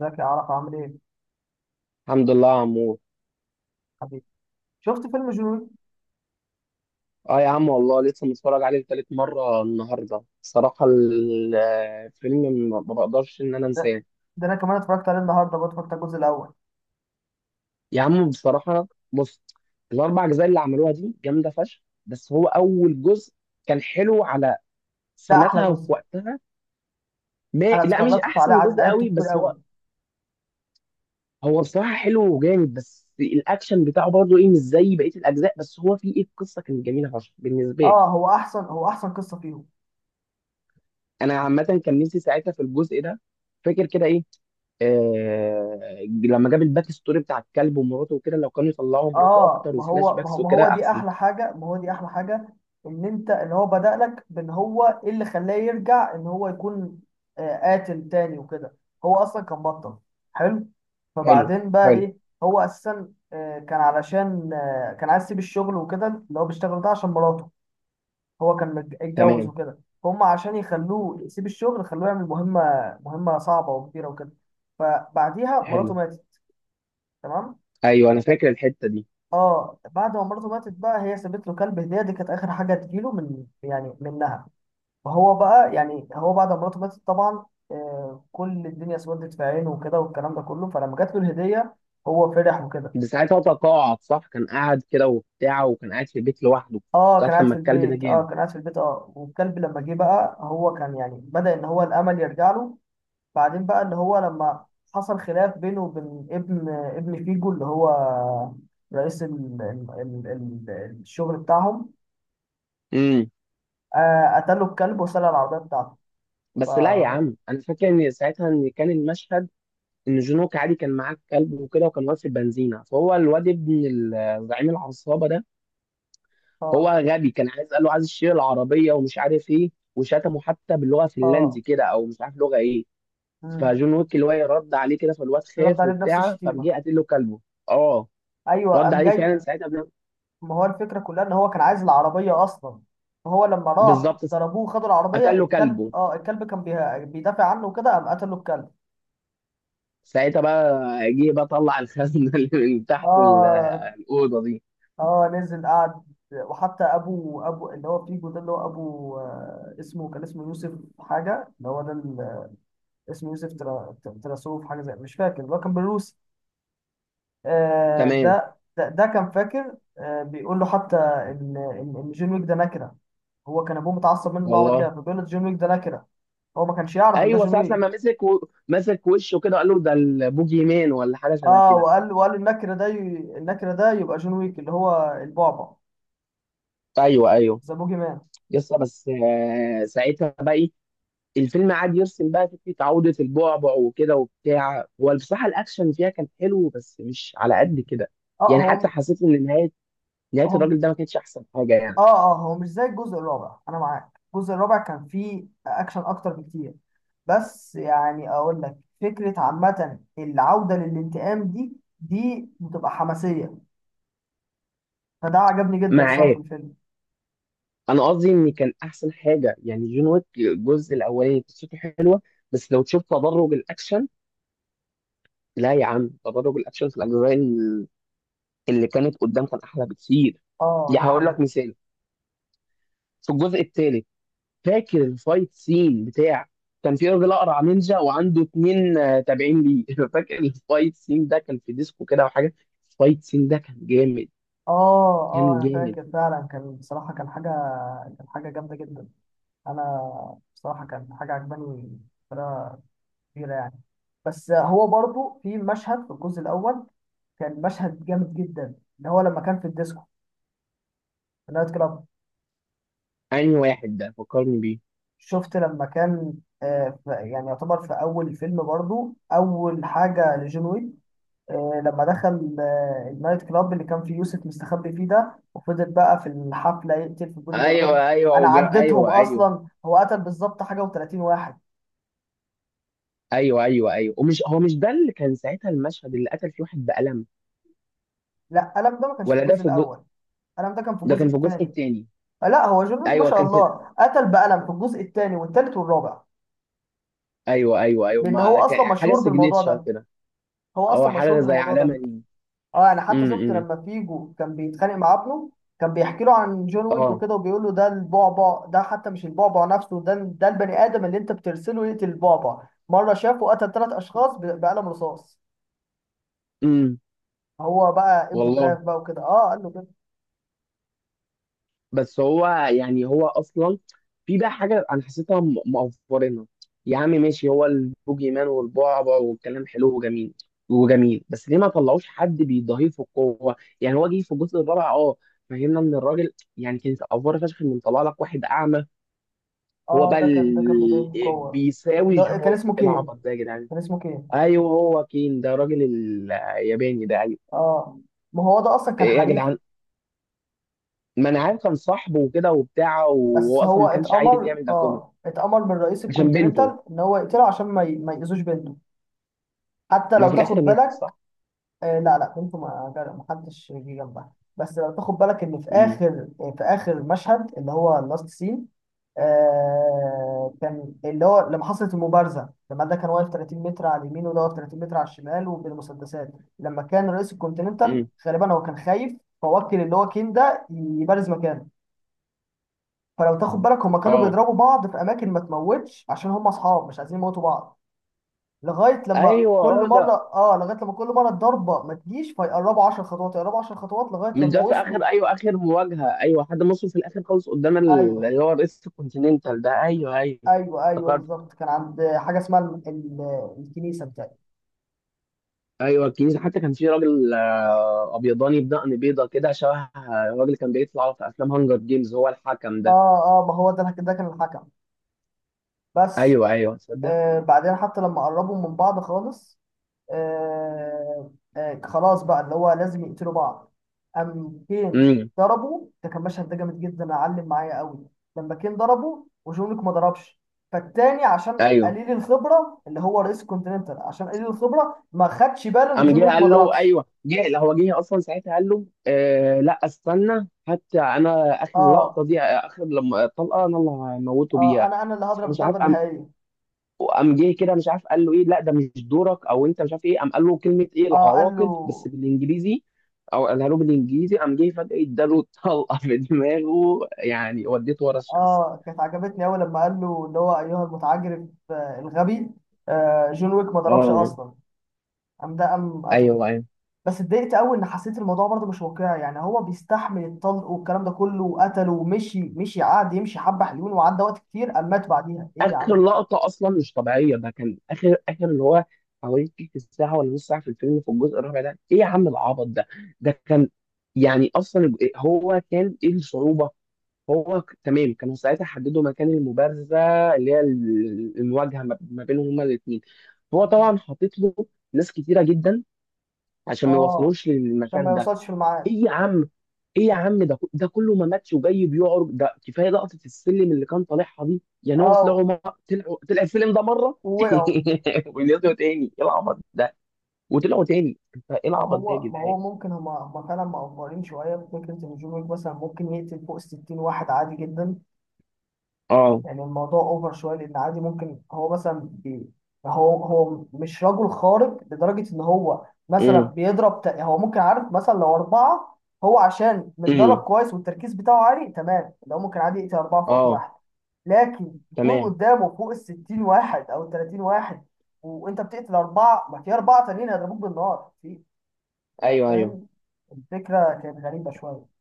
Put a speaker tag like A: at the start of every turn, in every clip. A: ازيك يا عرفة؟ عامل ايه
B: الحمد لله يا عمور.
A: حبيبي؟ شفت فيلم جنون؟
B: اه يا عم والله لسه متفرج عليه لتالت مرة النهاردة، بصراحة الفيلم ما بقدرش انا
A: ده,
B: انساه.
A: ده انا كمان اتفرجت عليه النهارده، برضه اتفرجت على الجزء الاول.
B: يا عم بصراحة بص، الاربع اجزاء اللي عملوها دي جامدة فشخ، بس هو اول جزء كان حلو على
A: ده احلى
B: سنتها وفي
A: جزء،
B: وقتها. ما
A: انا
B: لا، مش
A: اتفرجت عليه
B: احسن جزء
A: عدته
B: قوي،
A: كتير
B: بس
A: قوي.
B: هو هو بصراحة حلو وجامد، بس الاكشن بتاعه برضه ايه مش زي بقية الاجزاء، بس هو فيه ايه، القصة كانت جميلة فشخ بالنسبة لي.
A: اه هو احسن، هو احسن قصه فيهم.
B: انا عامه كان نفسي ساعتها في الجزء ده. فاكر كده ايه، آه، لما جاب الباك ستوري بتاع الكلب ومراته وكده، لو كانوا يطلعوا مراته
A: اه
B: اكتر
A: ما
B: وفلاش
A: هو ما هو
B: باكس
A: ما
B: وكده
A: هو دي
B: احسن.
A: احلى حاجه، ما هو دي احلى حاجه، انت اللي هو بدأ لك بان هو ايه اللي خلاه يرجع، ان هو يكون قاتل تاني وكده. هو اصلا كان بطل حلو.
B: حلو.
A: فبعدين بقى
B: حلو.
A: ايه؟ هو اساسا كان علشان كان عايز يسيب الشغل وكده، اللي هو بيشتغل ده، عشان مراته. هو كان اتجوز
B: تمام.
A: وكده. هم عشان يخلوه يسيب الشغل خلوه يعمل مهمة، مهمة صعبة وكبيرة وكده، فبعديها مراته
B: حلو.
A: ماتت. تمام.
B: ايوه انا فاكر الحته دي.
A: اه بعد ما مراته ماتت بقى، هي سابت له كلب هدية، دي كانت آخر حاجة تجيله من يعني منها. فهو بقى يعني هو بعد ما مراته ماتت طبعا كل الدنيا اسودت في عينه وكده والكلام ده كله، فلما جات له الهدية هو فرح وكده.
B: ده ساعتها هو تقاعد صح، كان قاعد كده وبتاع وكان قاعد في البيت لوحده.
A: اه
B: ساعه
A: كان قاعد في
B: لما الكلب ده
A: البيت، اه
B: جاله.
A: كان قاعد في البيت اه والكلب لما جه بقى هو كان يعني بدأ ان هو الامل يرجع له. بعدين بقى اللي هو لما حصل خلاف بينه وبين ابن فيجو، اللي هو رئيس ال... الشغل بتاعهم.
B: امم.
A: قتله الكلب وسرق العربية بتاعته.
B: بس لا يا
A: فهو
B: عم، انا فاكر ان ساعتها ان كان المشهد ان جون ويك عادي كان معاه الكلب وكده، وكان واقف في البنزينه، فهو الواد ابن زعيم العصابه ده هو
A: اه.
B: غبي، كان عايز قال له عايز الشير العربيه ومش عارف ايه وشتمه حتى باللغه الفنلندي
A: اه.
B: كده او مش عارف لغه ايه.
A: مم.
B: فجون ويك اللي هو إيه رد عليه كده، فالواد
A: رد
B: خاف
A: عليه بنفس
B: وبتاع فقام
A: الشتيمة.
B: جه قاتل له كلبه. اه
A: ايوه
B: رد
A: قام
B: عليه
A: جاي.
B: فعلا ساعتها
A: ما هو الفكرة كلها ان هو كان عايز العربية اصلا، فهو لما راح
B: بالظبط.
A: ضربوه، خدوا العربية،
B: قتل له
A: الكلب
B: كلبه
A: اه الكلب كان بيدافع عنه وكده، قام قتله الكلب.
B: ساعتها بقى، جه بقى طلع الخزنه اللي من تحت
A: اه.
B: الاوضه دي.
A: اه. نزل قعد، وحتى ابو اللي هو فيجو ده، اللي هو ابو، اسمه كان اسمه يوسف حاجه، اللي هو ده اسمه يوسف، تراسوف حاجه زي، مش فاكر، اللي هو كان بالروسي.
B: تمام.
A: ده كان فاكر، بيقول له حتى ان إن جون ويك ده نكره. هو كان ابوه متعصب منه نوع من كده،
B: والله.
A: فبيقول له جون ويك ده نكره، هو ما كانش يعرف ان ده
B: ايوه
A: جون
B: ساعه
A: ويك.
B: لما مسك وشه كده قال له ده البوجي مان ولا حاجه شبه
A: اه
B: كده.
A: وقال النكره ده النكره ده يبقى جون ويك اللي هو البعبع،
B: ايوه ايوه
A: ذا بوجي مان.
B: يسطا بس. آه، ساعتها بقى إيه؟ الفيلم قعد يرسم بقى فكره عوده البعبع وكده وبتاع. هو بصراحه الاكشن فيها كان حلو بس مش على قد كده.
A: اه.
B: يعني حتى
A: هو
B: حسيت ان نهايه نهايه الراجل
A: هم.
B: ده ما كانتش احسن حاجه يعني.
A: اه. اه هو مش زي الجزء الرابع، انا معاك، الجزء الرابع كان فيه اكشن اكتر بكتير، بس يعني اقول لك فكره عامه، العوده للانتقام دي بتبقى حماسيه، فده عجبني جدا الصراحه في
B: معاك.
A: الفيلم.
B: انا قصدي ان كان احسن حاجه يعني جون ويك الجزء الاولاني قصته حلوه، بس لو تشوف تدرج الاكشن. لا يا عم، تدرج الاكشن في الاجزاء اللي كانت قدام كان احلى بكتير.
A: اه دي
B: يعني هقول لك
A: حقيقه.
B: مثال، في الجزء الثالث فاكر الفايت سين بتاع كان في راجل اقرع نينجا وعنده اتنين آه، تابعين ليه. فاكر الفايت سين ده كان في ديسكو كده وحاجه. الفايت سين ده كان جامد،
A: اه اه
B: كان
A: انا
B: جامد.
A: فاكر فعلا، كان بصراحه كان حاجه، كان حاجه جامده جدا. انا بصراحه كان حاجه عجباني بطريقه كبيره يعني. بس هو برضو في مشهد في الجزء الاول كان مشهد جامد جدا، اللي هو لما كان في الديسكو، في النايت كلاب.
B: انهي واحد ده فكرني بيه،
A: شفت لما كان، يعني يعتبر في اول الفيلم برضو اول حاجه لجون ويك، لما دخل النايت كلاب اللي كان فيه يوسف مستخبي فيه ده، وفضل بقى في الحفله يقتل في البودي جاردات.
B: ايوه ايوه
A: انا
B: وجا...
A: عديتهم
B: ايوه ايوه
A: اصلا، هو قتل بالظبط حاجه و30 واحد.
B: ايوه ومش هو مش ده اللي كان ساعتها المشهد اللي قتل فيه واحد بقلم؟
A: لا قلم ده ما كانش في
B: ولا ده
A: الجزء
B: في الجزء.
A: الاول، قلم ده كان في
B: ده
A: الجزء
B: كان في الجزء
A: الثاني.
B: التاني.
A: لا هو جون ويك ما
B: ايوه
A: شاء
B: كان في
A: الله قتل بقلم في الجزء الثاني والثالث والرابع،
B: ايوه ايوه ايوه
A: لان هو
B: ما كان
A: اصلا
B: حاجه
A: مشهور بالموضوع
B: سيجنتشر
A: ده،
B: كده
A: هو
B: او
A: اصلا مشهور
B: حاجه زي
A: بالموضوع ده
B: علامه دي.
A: اه انا حتى شفت
B: امم.
A: لما فيجو كان بيتخانق مع ابنه، كان بيحكي له عن جون ويك
B: اه.
A: وكده، وبيقول له ده البعبع، ده حتى مش البعبع نفسه، ده ده البني ادم اللي انت بترسله يقتل البعبع. مره شافه قتل 3 اشخاص بقلم رصاص.
B: امم.
A: هو بقى ابنه خاف
B: والله.
A: بقى وكده، اه قال له كده.
B: بس هو يعني هو اصلا في بقى حاجه انا حسيتها مقفرنا. يا عم ماشي، هو البوجي مان والبعبع والكلام حلو وجميل وجميل، بس ليه ما طلعوش حد بيضاهيه في القوه؟ يعني هو جه في الجزء الرابع اه، فهمنا ان الراجل يعني كانت افوره فشخ ان طلع لك واحد اعمى. هو
A: اه
B: بقى
A: ده كان، ده كان بدايه القوه.
B: بيساوي
A: لا
B: جون
A: كان
B: ويك؟
A: اسمه
B: إيه
A: كين،
B: العبط ده يا جدعان؟
A: كان اسمه كين.
B: ايوه هو كين ده الراجل الياباني ده ايوه.
A: اه ما هو ده اصلا كان
B: ايه يا
A: حليفه،
B: جدعان، ما انا عارف كان صاحبه وكده وبتاع،
A: بس
B: وهو اصلا
A: هو
B: ما كانش عايز
A: اتأمر،
B: يعمل ده كله.
A: اه اتأمر من رئيس
B: عشان بنته.
A: الكونتيننتال ان هو يقتله عشان ما ما يأذوش بنته. حتى
B: ما
A: لو
B: في
A: تاخد
B: الاخر ماتت
A: بالك،
B: صح.
A: لا كنت ما ما حدش جه جنبها، بس لو تاخد بالك ان في
B: امم.
A: اخر، في اخر مشهد اللي هو اللاست سين. آه كان اللي هو لما حصلت المبارزه، لما ده كان واقف 30 متر على اليمين، وده واقف 30 متر على الشمال، وبالمسدسات. لما كان رئيس الكونتيننتال
B: امم.
A: غالبا هو كان خايف، فوكل اللي هو كين ده يبارز مكانه. فلو تاخد بالك هما كانوا
B: اه.
A: بيضربوا بعض في اماكن ما تموتش، عشان هما اصحاب مش عايزين يموتوا بعض. لغايه لما
B: ايوه
A: كل
B: اه
A: مره
B: ده.
A: اه، لغايه لما كل مره الضربه ما تجيش، فيقربوا 10 خطوات، يقربوا 10 خطوات، لغايه
B: مش
A: لما
B: ده في
A: وصلوا.
B: اخر، ايوه اخر مواجهه، ايوه حد مصر في الاخر خالص قدام
A: ايوه
B: اللي هو رئيس الكونتيننتال ده. ايوه ايوه.
A: ايوه
B: افتكرت.
A: بالظبط كان عند حاجه اسمها الكنيسه بتاعي.
B: ايوه الكنيسه، حتى كان في راجل آه، ابيضاني بدقن بيضه كده شبه آه، الراجل اللي كان بيطلع في افلام هانجر جيمز، هو الحكم ده.
A: اه. اه ما هو ده كان الحكم بس.
B: ايوه ايوه تصدق.
A: آه بعدين حتى لما قربوا من بعض خالص، آه آه خلاص بقى اللي هو لازم يقتلوا بعض، قام كين
B: امم.
A: ضربه، ده كان مشهد، ده جامد جدا علم معايا قوي، لما كين ضربه وجونك ما ضربش، فالتاني عشان
B: ايوه
A: قليل الخبره اللي هو رئيس الكونتيننتال، عشان قليل الخبره ما خدش باله ان
B: قام
A: جون
B: جه
A: ويك ما
B: قال له
A: ضربش.
B: ايوه جه، لا هو جه اصلا ساعتها قال له آه لا استنى، حتى انا اخر
A: اه.
B: لقطه دي اخر لما الطلقه انا اللي هموته
A: اه
B: بيها.
A: انا اللي هضرب
B: فمش عارف
A: الضربه
B: قام
A: النهائيه.
B: قام جه كده مش عارف قال له ايه، لا ده مش دورك او انت مش عارف ايه، قام قال له كلمه ايه
A: اه قال له.
B: العواقب بس بالانجليزي، او قالها له بالانجليزي، قام جه فجاه اداله طلقه في دماغه يعني وديته ورا الشمس.
A: اه كانت عجبتني قوي لما قال له اللي هو ايها المتعجرف، آه الغبي، آه جون ويك ما ضربش
B: اه.
A: اصلا، قام ده قام قتله.
B: ايوه.
A: بس اتضايقت قوي ان حسيت الموضوع برضه مش واقعي، يعني هو بيستحمل الطلق والكلام ده كله وقتله، ومشي مشي، قعد يمشي حبه حلوين، وعدى وقت كتير اما مات بعديها، ايه يا
B: اخر
A: عم.
B: لقطه اصلا مش طبيعيه، ده كان اخر اخر اللي هو حوالي تلت ساعه ولا نص ساعه في الفيلم في الجزء الرابع ده. ايه يا عم العبط ده؟ ده كان يعني اصلا هو كان ايه الصعوبه؟ تمام، كانوا ساعتها حددوا مكان المبارزه اللي هي المواجهه ما بينهم هما الاثنين، هو طبعا حاطط له ناس كتيره جدا عشان ما
A: اه
B: يوصلوش
A: عشان ما
B: للمكان ده.
A: يوصلش في الميعاد.
B: ايه يا عم، ايه يا عم، ده ده كله ما ماتش وجاي بيعرج، ده كفايه لقطه السلم اللي كان طالعها دي، يعني هو
A: اه
B: طلعوا طلع السلم ده مره.
A: ووقعوا.
B: ونزلوا تاني، ايه العبط ده؟ وطلعوا تاني، انت ايه
A: ما
B: العبط ده يا
A: هو ما
B: جدعان؟
A: هو ممكن هما فعلا مقفرين شويه في فكره ان جون ويك مثلا ممكن يقتل فوق 60 واحد عادي جدا.
B: اه.
A: يعني الموضوع اوفر شويه، لان عادي ممكن هو مثلا هو مش رجل خارق لدرجه ان هو مثلا
B: امم.
A: هو ممكن، عارف، مثلا لو اربعه، هو عشان متدرب
B: امم.
A: كويس والتركيز بتاعه عالي تمام، لو ممكن عادي يقتل اربعه في وقت
B: اه.
A: واحد. لكن يكون
B: تمام.
A: قدامه فوق ال 60 واحد او 30 واحد، وانت بتقتل اربعه، ما في اربعه تانيين هيضربوك بالنار في، أنت
B: ايوه ايوه.
A: فاهم؟ الفكره كانت غريبه شويه.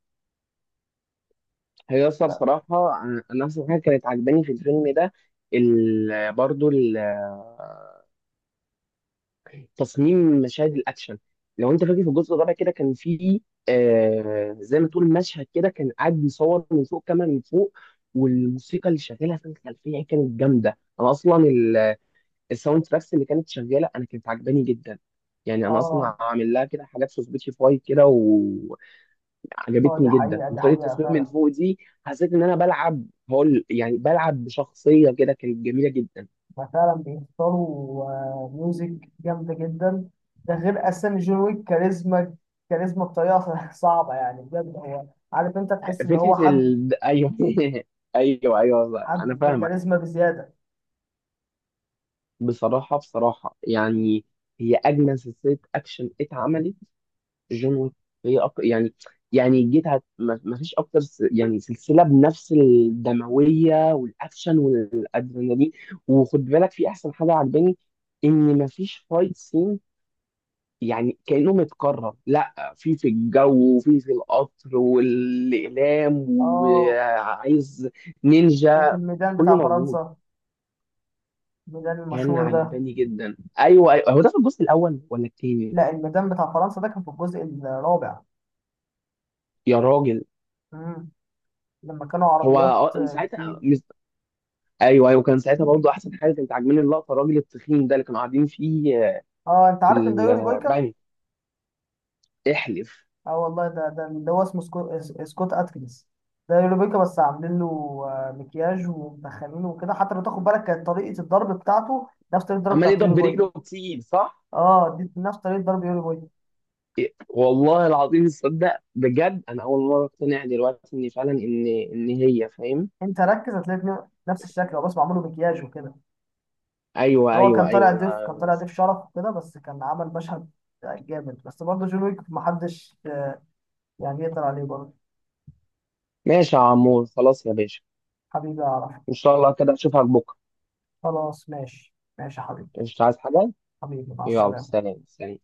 B: هي اصلا
A: ب-
B: صراحه انا اصلا حاجه كانت عجباني في الفيلم ده برضو تصميم مشاهد الاكشن. لو انت فاكر في الجزء الرابع كده كان في آه زي ما تقول مشهد كده كان قاعد بيصور من فوق كاميرا من فوق، والموسيقى اللي شغاله في الخلفيه كانت جامده. انا اصلا الساوند تراكس اللي كانت شغاله انا كانت عجباني جدا. يعني انا
A: اه.
B: اصلا عامل لها كده حاجات في سبوتيفاي كده وعجبتني
A: اه دي
B: جدا.
A: حقيقه، دي
B: وطريقه
A: حقيقه
B: التصوير من
A: فعلا.
B: فوق دي حسيت ان انا بلعب، هقول يعني بلعب بشخصيه كده، كانت جميله جدا.
A: فعلا بيختاروا ميوزك جامدة جدا، ده غير أساسا جون ويك كاريزما، كاريزما بطريقة صعبة يعني بجد. هو عارف أنت تحس إن هو حد،
B: ايوه ايوه انا
A: حد
B: فاهمك.
A: كاريزما بزيادة.
B: بصراحة بصراحة يعني هي أجمل سلسلة أكشن اتعملت جون ويك. يعني يعني ما فيش يعني سلسلة بنفس الدموية والأكشن والأدرينالين. وخد بالك في أحسن حاجة عجباني، إن ما فيش فايت سين يعني كأنه متكرر، لا في الجو وفي القطر والإقلام
A: آه
B: وعايز
A: وفي
B: نينجا،
A: الميدان
B: كله
A: بتاع
B: موجود.
A: فرنسا، الميدان
B: كان
A: المشهور ده.
B: عجباني جدا. ايوه ايوه، هو ده في الجزء الاول ولا التاني؟
A: لا الميدان بتاع فرنسا ده كان في الجزء الرابع.
B: يا راجل.
A: مم. لما كانوا
B: هو
A: عربيات
B: آه،
A: كتير.
B: ايوه ايوه كان ساعتها برضه احسن حاجه كانت عاجباني اللقطه الراجل التخين ده اللي كانوا قاعدين فيه آه،
A: آه أنت
B: في
A: عارف إن ده يوري بويكا؟
B: البنك. احلف.
A: اه والله ده ده اللي هو اسمه سكوت اتكنز، ده يوريبيكا بس عاملين له مكياج ومدخلينه وكده. حتى لو تاخد بالك كانت طريقه الضرب بتاعته نفس طريقه الضرب
B: عمال
A: بتاعت
B: يضرب
A: يوريبيكا.
B: برجله كتير صح؟
A: اه دي نفس طريقه ضرب يوريبيكا.
B: إيه، والله العظيم، تصدق بجد انا اول مره اقتنع دلوقتي ان فعلا ان هي، فاهم.
A: انت ركز هتلاقي اتنين نفس الشكل، هو بس معمول له مكياج وكده.
B: ايوه
A: هو
B: ايوه
A: كان طالع
B: ايوه
A: ضيف،
B: انا.
A: كان طالع ضيف شرف وكده، بس كان عمل مشهد جامد، بس برضه جون ويك محدش يعني يقدر عليه برضه.
B: ماشي يا عمور، خلاص يا باشا،
A: حبيبي اعرف.
B: ان شاء الله كده اشوفك بكره.
A: خلاص ماشي ماشي يا حبيبي.
B: مش عايز حاجه.
A: حبيبي مع
B: يلا
A: السلامه.
B: سلام سلام.